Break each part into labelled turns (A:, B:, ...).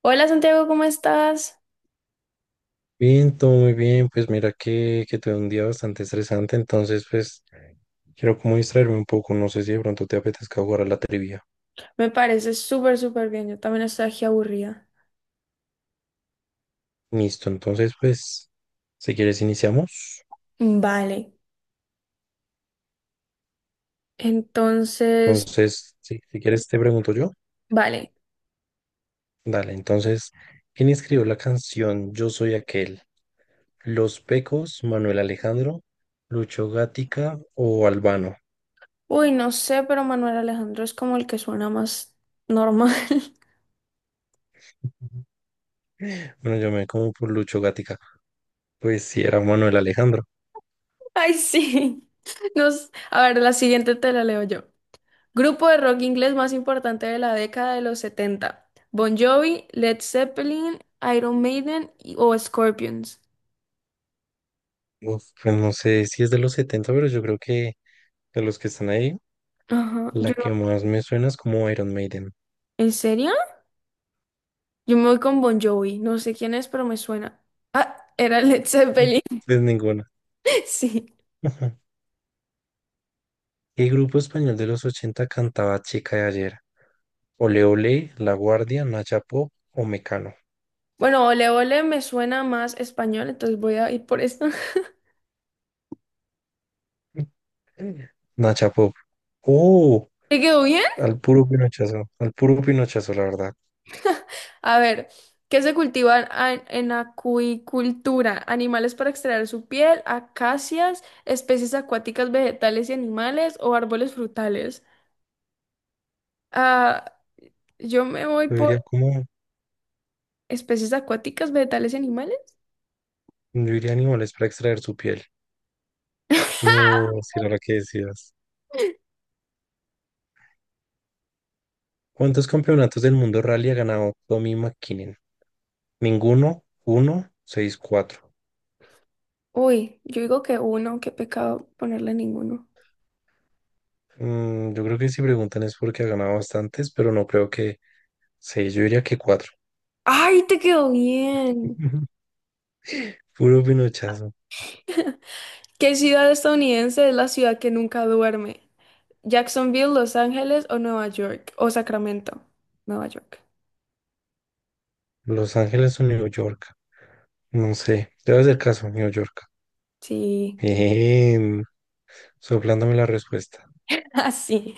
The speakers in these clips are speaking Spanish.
A: Hola Santiago, ¿cómo estás?
B: Bien, todo muy bien. Pues mira que tuve un día bastante estresante, entonces pues quiero como distraerme un poco. No sé si de pronto te apetezca jugar a la trivia.
A: Me parece súper, súper bien. Yo también estoy aquí aburrida.
B: Listo, entonces pues si quieres iniciamos.
A: Vale, entonces,
B: Entonces, sí, si quieres te pregunto yo.
A: vale.
B: Dale, entonces, ¿quién escribió la canción Yo soy aquel? ¿Los Pecos, Manuel Alejandro, Lucho Gatica o Albano?
A: Uy, no sé, pero Manuel Alejandro es como el que suena más normal.
B: Bueno, yo me como por Lucho Gatica. Pues sí era Manuel Alejandro.
A: Ay, sí. A ver, la siguiente te la leo yo. Grupo de rock inglés más importante de la década de los 70. Bon Jovi, Led Zeppelin, Iron Maiden o Scorpions.
B: Uf, pues no sé si es de los 70, pero yo creo que... De los que están ahí,
A: Ajá, yo
B: la que
A: no-
B: más me suena es como Iron Maiden.
A: ¿En serio? Yo me voy con Bon Jovi. No sé quién es, pero me suena. Ah, era Led
B: Mm,
A: Zeppelin.
B: Pues ninguna.
A: Sí.
B: Ajá. ¿Qué grupo español de los 80 cantaba Chica de ayer? Ole Ole, La Guardia, Nacha Pop o Mecano.
A: Bueno, Ole Ole me suena más español, entonces voy a ir por esto.
B: Mm. Nacha Pop. Oh,
A: ¿Te quedó bien?
B: al puro pinochazo, la verdad.
A: A ver, ¿qué se cultiva en acuicultura? Animales para extraer su piel, acacias, especies acuáticas, vegetales y animales o árboles frutales. Ah, yo me voy
B: Yo
A: por
B: diría como,
A: especies acuáticas, vegetales y animales.
B: yo diría animales para extraer su piel. No, si era la que decías. ¿Cuántos campeonatos del mundo rally ha ganado Tommy McKinnon? Ninguno, uno, seis, cuatro.
A: Uy, yo digo que uno, qué pecado ponerle ninguno.
B: Yo creo que si preguntan es porque ha ganado bastantes, pero no creo que seis, yo diría que cuatro.
A: ¡Ay, te quedó bien!
B: Puro pinochazo.
A: ¿Qué ciudad estadounidense es la ciudad que nunca duerme? ¿Jacksonville, Los Ángeles o Nueva York? O Sacramento, Nueva York.
B: Los Ángeles o New York. No sé. Debe hacer caso, New York.
A: Sí.
B: Bien. Soplándome la respuesta.
A: Así.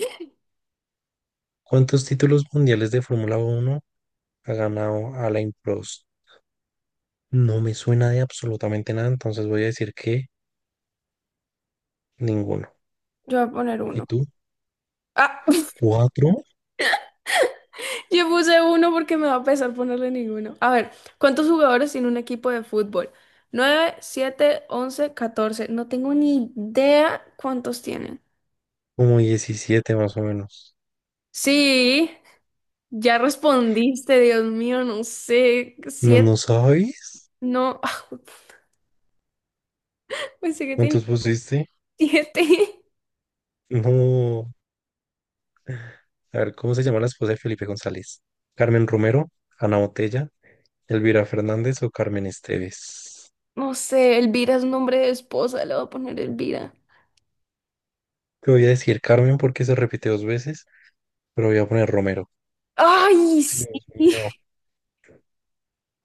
B: ¿Cuántos títulos mundiales de Fórmula Uno ha ganado Alain Prost? No me suena de absolutamente nada, entonces voy a decir que ninguno.
A: Yo voy a poner
B: ¿Y
A: uno.
B: tú?
A: Ah,
B: ¿Cuatro?
A: yo puse uno porque me va a pesar ponerle ninguno. A ver, ¿cuántos jugadores tiene un equipo de fútbol? 9, 7, 11, 14. No tengo ni idea cuántos tienen.
B: Como 17 más o menos.
A: Sí, ya respondiste, Dios mío, no sé.
B: ¿No,
A: ¿Siete?
B: no sabes?
A: No, pensé que tenía
B: ¿Cuántos pusiste?
A: siete.
B: No. A ver, ¿cómo se llama la esposa de Felipe González? ¿Carmen Romero, Ana Botella, Elvira Fernández o Carmen Esteves?
A: No sé, Elvira es nombre de esposa, le voy a poner Elvira.
B: Te voy a decir Carmen porque se repite dos veces, pero voy a poner Romero.
A: ¡Ay,
B: Sí,
A: sí!
B: Dios mío.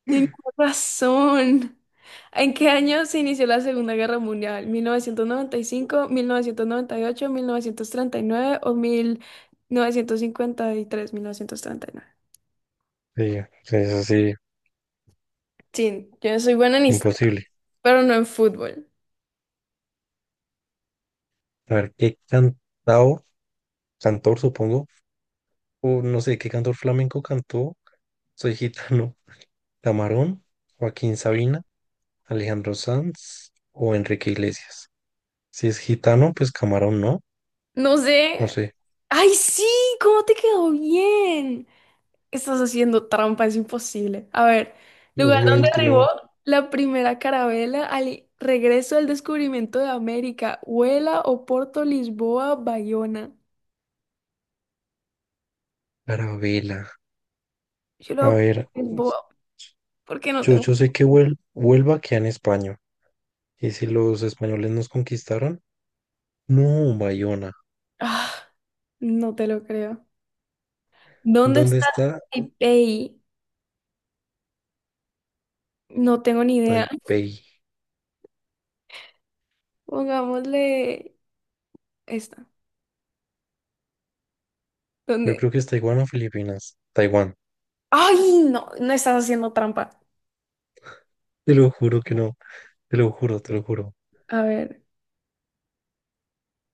A: Tenía razón. ¿En qué año se inició la Segunda Guerra Mundial? Mil novecientos noventa y cinco, ocho, 1939 o mil novecientos cincuenta y tres, 1939.
B: Sí, sí, es así,
A: Sí, yo soy buena en historia,
B: imposible.
A: pero no en fútbol.
B: A ver, ¿qué cantao, cantor supongo, o no sé, qué cantor flamenco cantó? Soy gitano. Camarón, Joaquín Sabina, Alejandro Sanz o Enrique Iglesias. Si es gitano, pues Camarón no,
A: No
B: no
A: sé.
B: sé.
A: ¡Ay, sí! ¿Cómo te quedó bien? Estás haciendo trampa, es imposible. A ver, lugar donde
B: Obviamente
A: arribó
B: no.
A: la primera carabela al regreso del descubrimiento de América, Huela, Oporto, Lisboa, Bayona.
B: Carabela.
A: Yo lo
B: A
A: voy a
B: ver,
A: poner Lisboa porque no
B: yo,
A: tengo.
B: yo sé que Huelva queda en España. Y si los españoles nos conquistaron, no, Bayona.
A: Ah, no te lo creo. ¿Dónde
B: ¿Dónde
A: está
B: está
A: Taipei? No tengo ni idea.
B: Taipei?
A: Pongámosle esta.
B: Yo
A: ¿Dónde?
B: creo que es Taiwán o Filipinas. Taiwán.
A: ¡Ay! No, no estás haciendo trampa.
B: Te lo juro que no. Te lo juro, te lo juro.
A: A ver,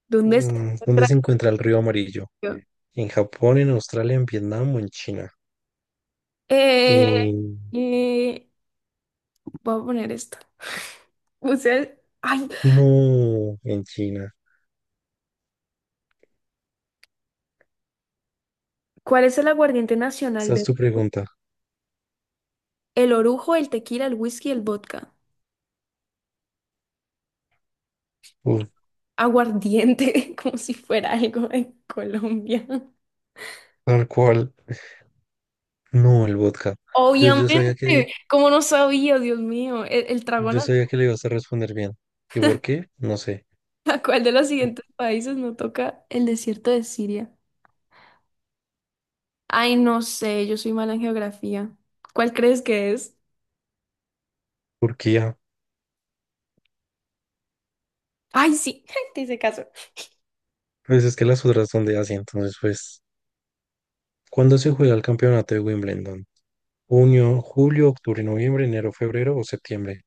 A: ¿dónde se
B: ¿Dónde
A: encuentra?
B: se encuentra el río Amarillo? ¿En Japón, en Australia, en Vietnam o en China?
A: Eh,
B: En-
A: eh, Voy a poner esto. Usted, ay,
B: No, en China.
A: ¿cuál es el aguardiente nacional
B: Esa es
A: de:
B: tu pregunta.
A: el orujo, el tequila, el whisky, el vodka?
B: Uf,
A: Aguardiente, como si fuera algo en Colombia.
B: tal cual. No, el vodka. Yo sabía que
A: Obviamente, como no sabía, Dios mío, el trago nacional.
B: Le ibas a responder bien. ¿Y por qué? No sé.
A: ¿A cuál de los siguientes países no toca el desierto de Siria? Ay, no sé, yo soy mala en geografía. ¿Cuál crees que es?
B: Turquía.
A: Ay, sí, te hice caso.
B: Pues es que las otras son de Asia, entonces pues... ¿Cuándo se juega el campeonato de Wimbledon? ¿Junio, julio, octubre, noviembre, enero, febrero o septiembre?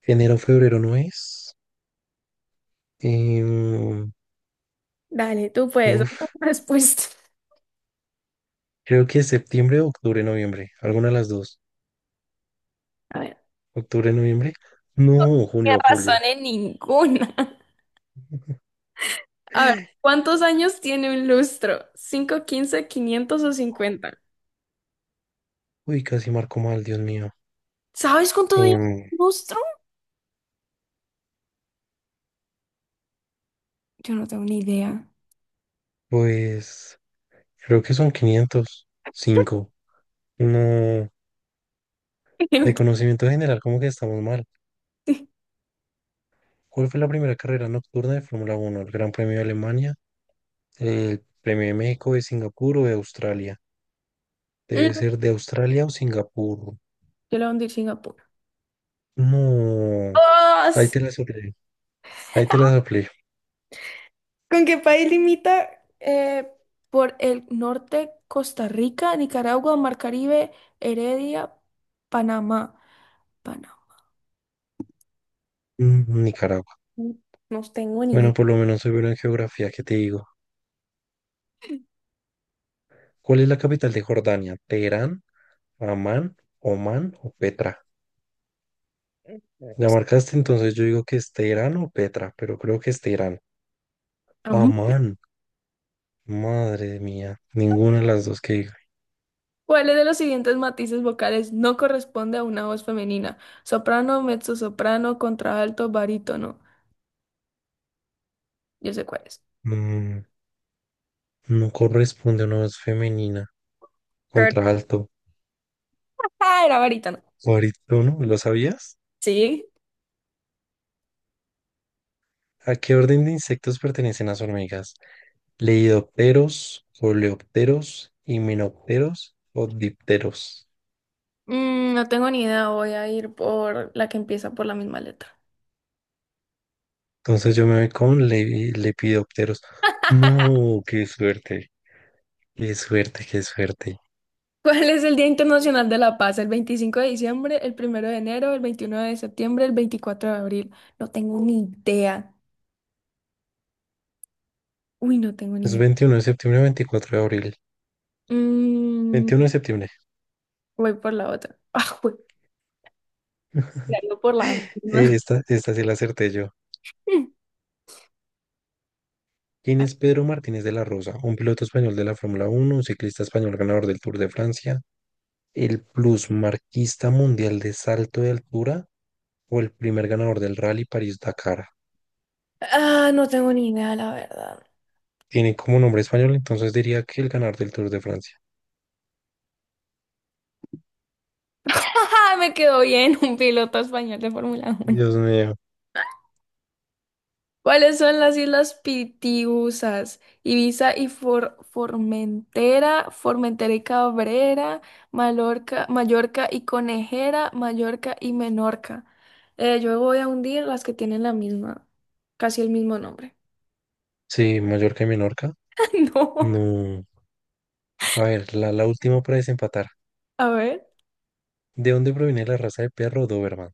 B: Enero, febrero no es. Em,
A: Dale, tú puedes.
B: uf,
A: Respuesta.
B: creo que es septiembre, octubre, noviembre. Alguna de las dos.
A: A ver.
B: ¿Octubre, noviembre? No,
A: ¿Qué
B: junio, julio.
A: razón en ninguna? A ver, ¿cuántos años tiene un lustro? 5, 15, 500 o 50.
B: Uy, casi marco mal, Dios mío.
A: ¿Sabes cuántos años tiene
B: Em,
A: un lustro? Yo no tengo ni idea.
B: pues creo que son 500. Cinco. No. De
A: Creo que
B: conocimiento general, como que estamos mal.
A: sí.
B: ¿Cuál fue la primera carrera nocturna de Fórmula Uno? ¿El Gran Premio de Alemania? ¿El Premio de México, de Singapur o de Australia? Debe
A: Mm,
B: ser de Australia o Singapur.
A: Yo la hundí en Singapur.
B: No,
A: ¡Oh!
B: ahí te la soplé. Ahí te la soplé.
A: ¿Con qué país limita? Por el norte, Costa Rica, Nicaragua, Mar Caribe, Heredia, Panamá. Panamá.
B: Mm, Nicaragua.
A: No tengo ni idea.
B: Bueno, por lo menos soy bueno en geografía, ¿qué te digo? ¿Cuál es la capital de Jordania? ¿Teherán, Amán, Omán o Petra? ¿Ya marcaste? Entonces yo digo que es Teherán o Petra, pero creo que es Teherán. Amán, madre mía. Ninguna de las dos que digo.
A: ¿Cuáles de los siguientes matices vocales no corresponde a una voz femenina? Soprano, mezzosoprano, contralto, barítono. Yo sé cuáles.
B: Mm, no corresponde a una voz femenina.
A: Kurt.
B: Contralto,
A: Ah, era barítono.
B: barítono, ¿lo sabías?
A: Sí.
B: ¿A qué orden de insectos pertenecen las hormigas? Lepidópteros, coleópteros, himenópteros o dipteros.
A: No tengo ni idea. Voy a ir por la que empieza por la misma letra.
B: Entonces yo me voy con lepidópteros. No, qué suerte, qué suerte, qué suerte.
A: ¿Cuál es el Día Internacional de la Paz? ¿El 25 de diciembre, el 1 de enero, el 21 de septiembre, el 24 de abril? No tengo ni idea. Uy, no tengo ni
B: Es
A: idea.
B: 21 de septiembre, 24 de abril.
A: Mm,
B: 21 de septiembre.
A: voy por la otra. Ah, voy por la misma.
B: Esta sí la acerté yo. ¿Quién es Pedro Martínez de la Rosa? Un piloto español de la Fórmula Uno, un ciclista español ganador del Tour de Francia, el plusmarquista mundial de salto de altura o el primer ganador del Rally París-Dakar.
A: Ah, no tengo ni idea, la verdad.
B: Tiene como nombre español, entonces diría que el ganador del Tour de Francia.
A: ¡Ah! Me quedó bien. Un piloto español de Fórmula 1.
B: Dios mío.
A: ¿Cuáles son las islas Pitiusas? Ibiza y Formentera, Formentera y Cabrera, Mallorca, Mallorca y Conejera, Mallorca y Menorca. Yo voy a hundir las que tienen la misma, casi el mismo nombre.
B: Sí, Mallorca y Menorca.
A: No.
B: No. A ver, la última para desempatar.
A: A ver.
B: ¿De dónde proviene la raza de perro Doberman?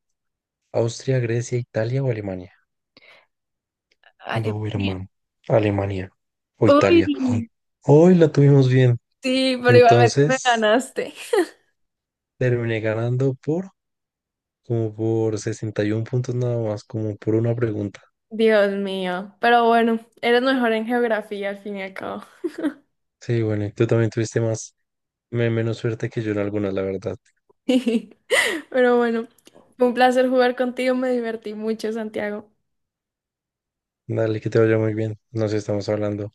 B: ¿Austria, Grecia, Italia o Alemania?
A: Alemania.
B: Doberman. Alemania. O Italia. Ay,
A: Uy,
B: hoy la tuvimos bien.
A: sí, pero igualmente me
B: Entonces
A: ganaste.
B: terminé ganando por como por 61 puntos nada más, como por una pregunta.
A: Dios mío. Pero bueno, eres mejor en geografía al fin y al cabo.
B: Sí, bueno, y tú también tuviste menos suerte que yo en algunas, la verdad.
A: Pero bueno, fue un placer jugar contigo, me divertí mucho, Santiago.
B: Dale, que te vaya muy bien. Nos estamos hablando.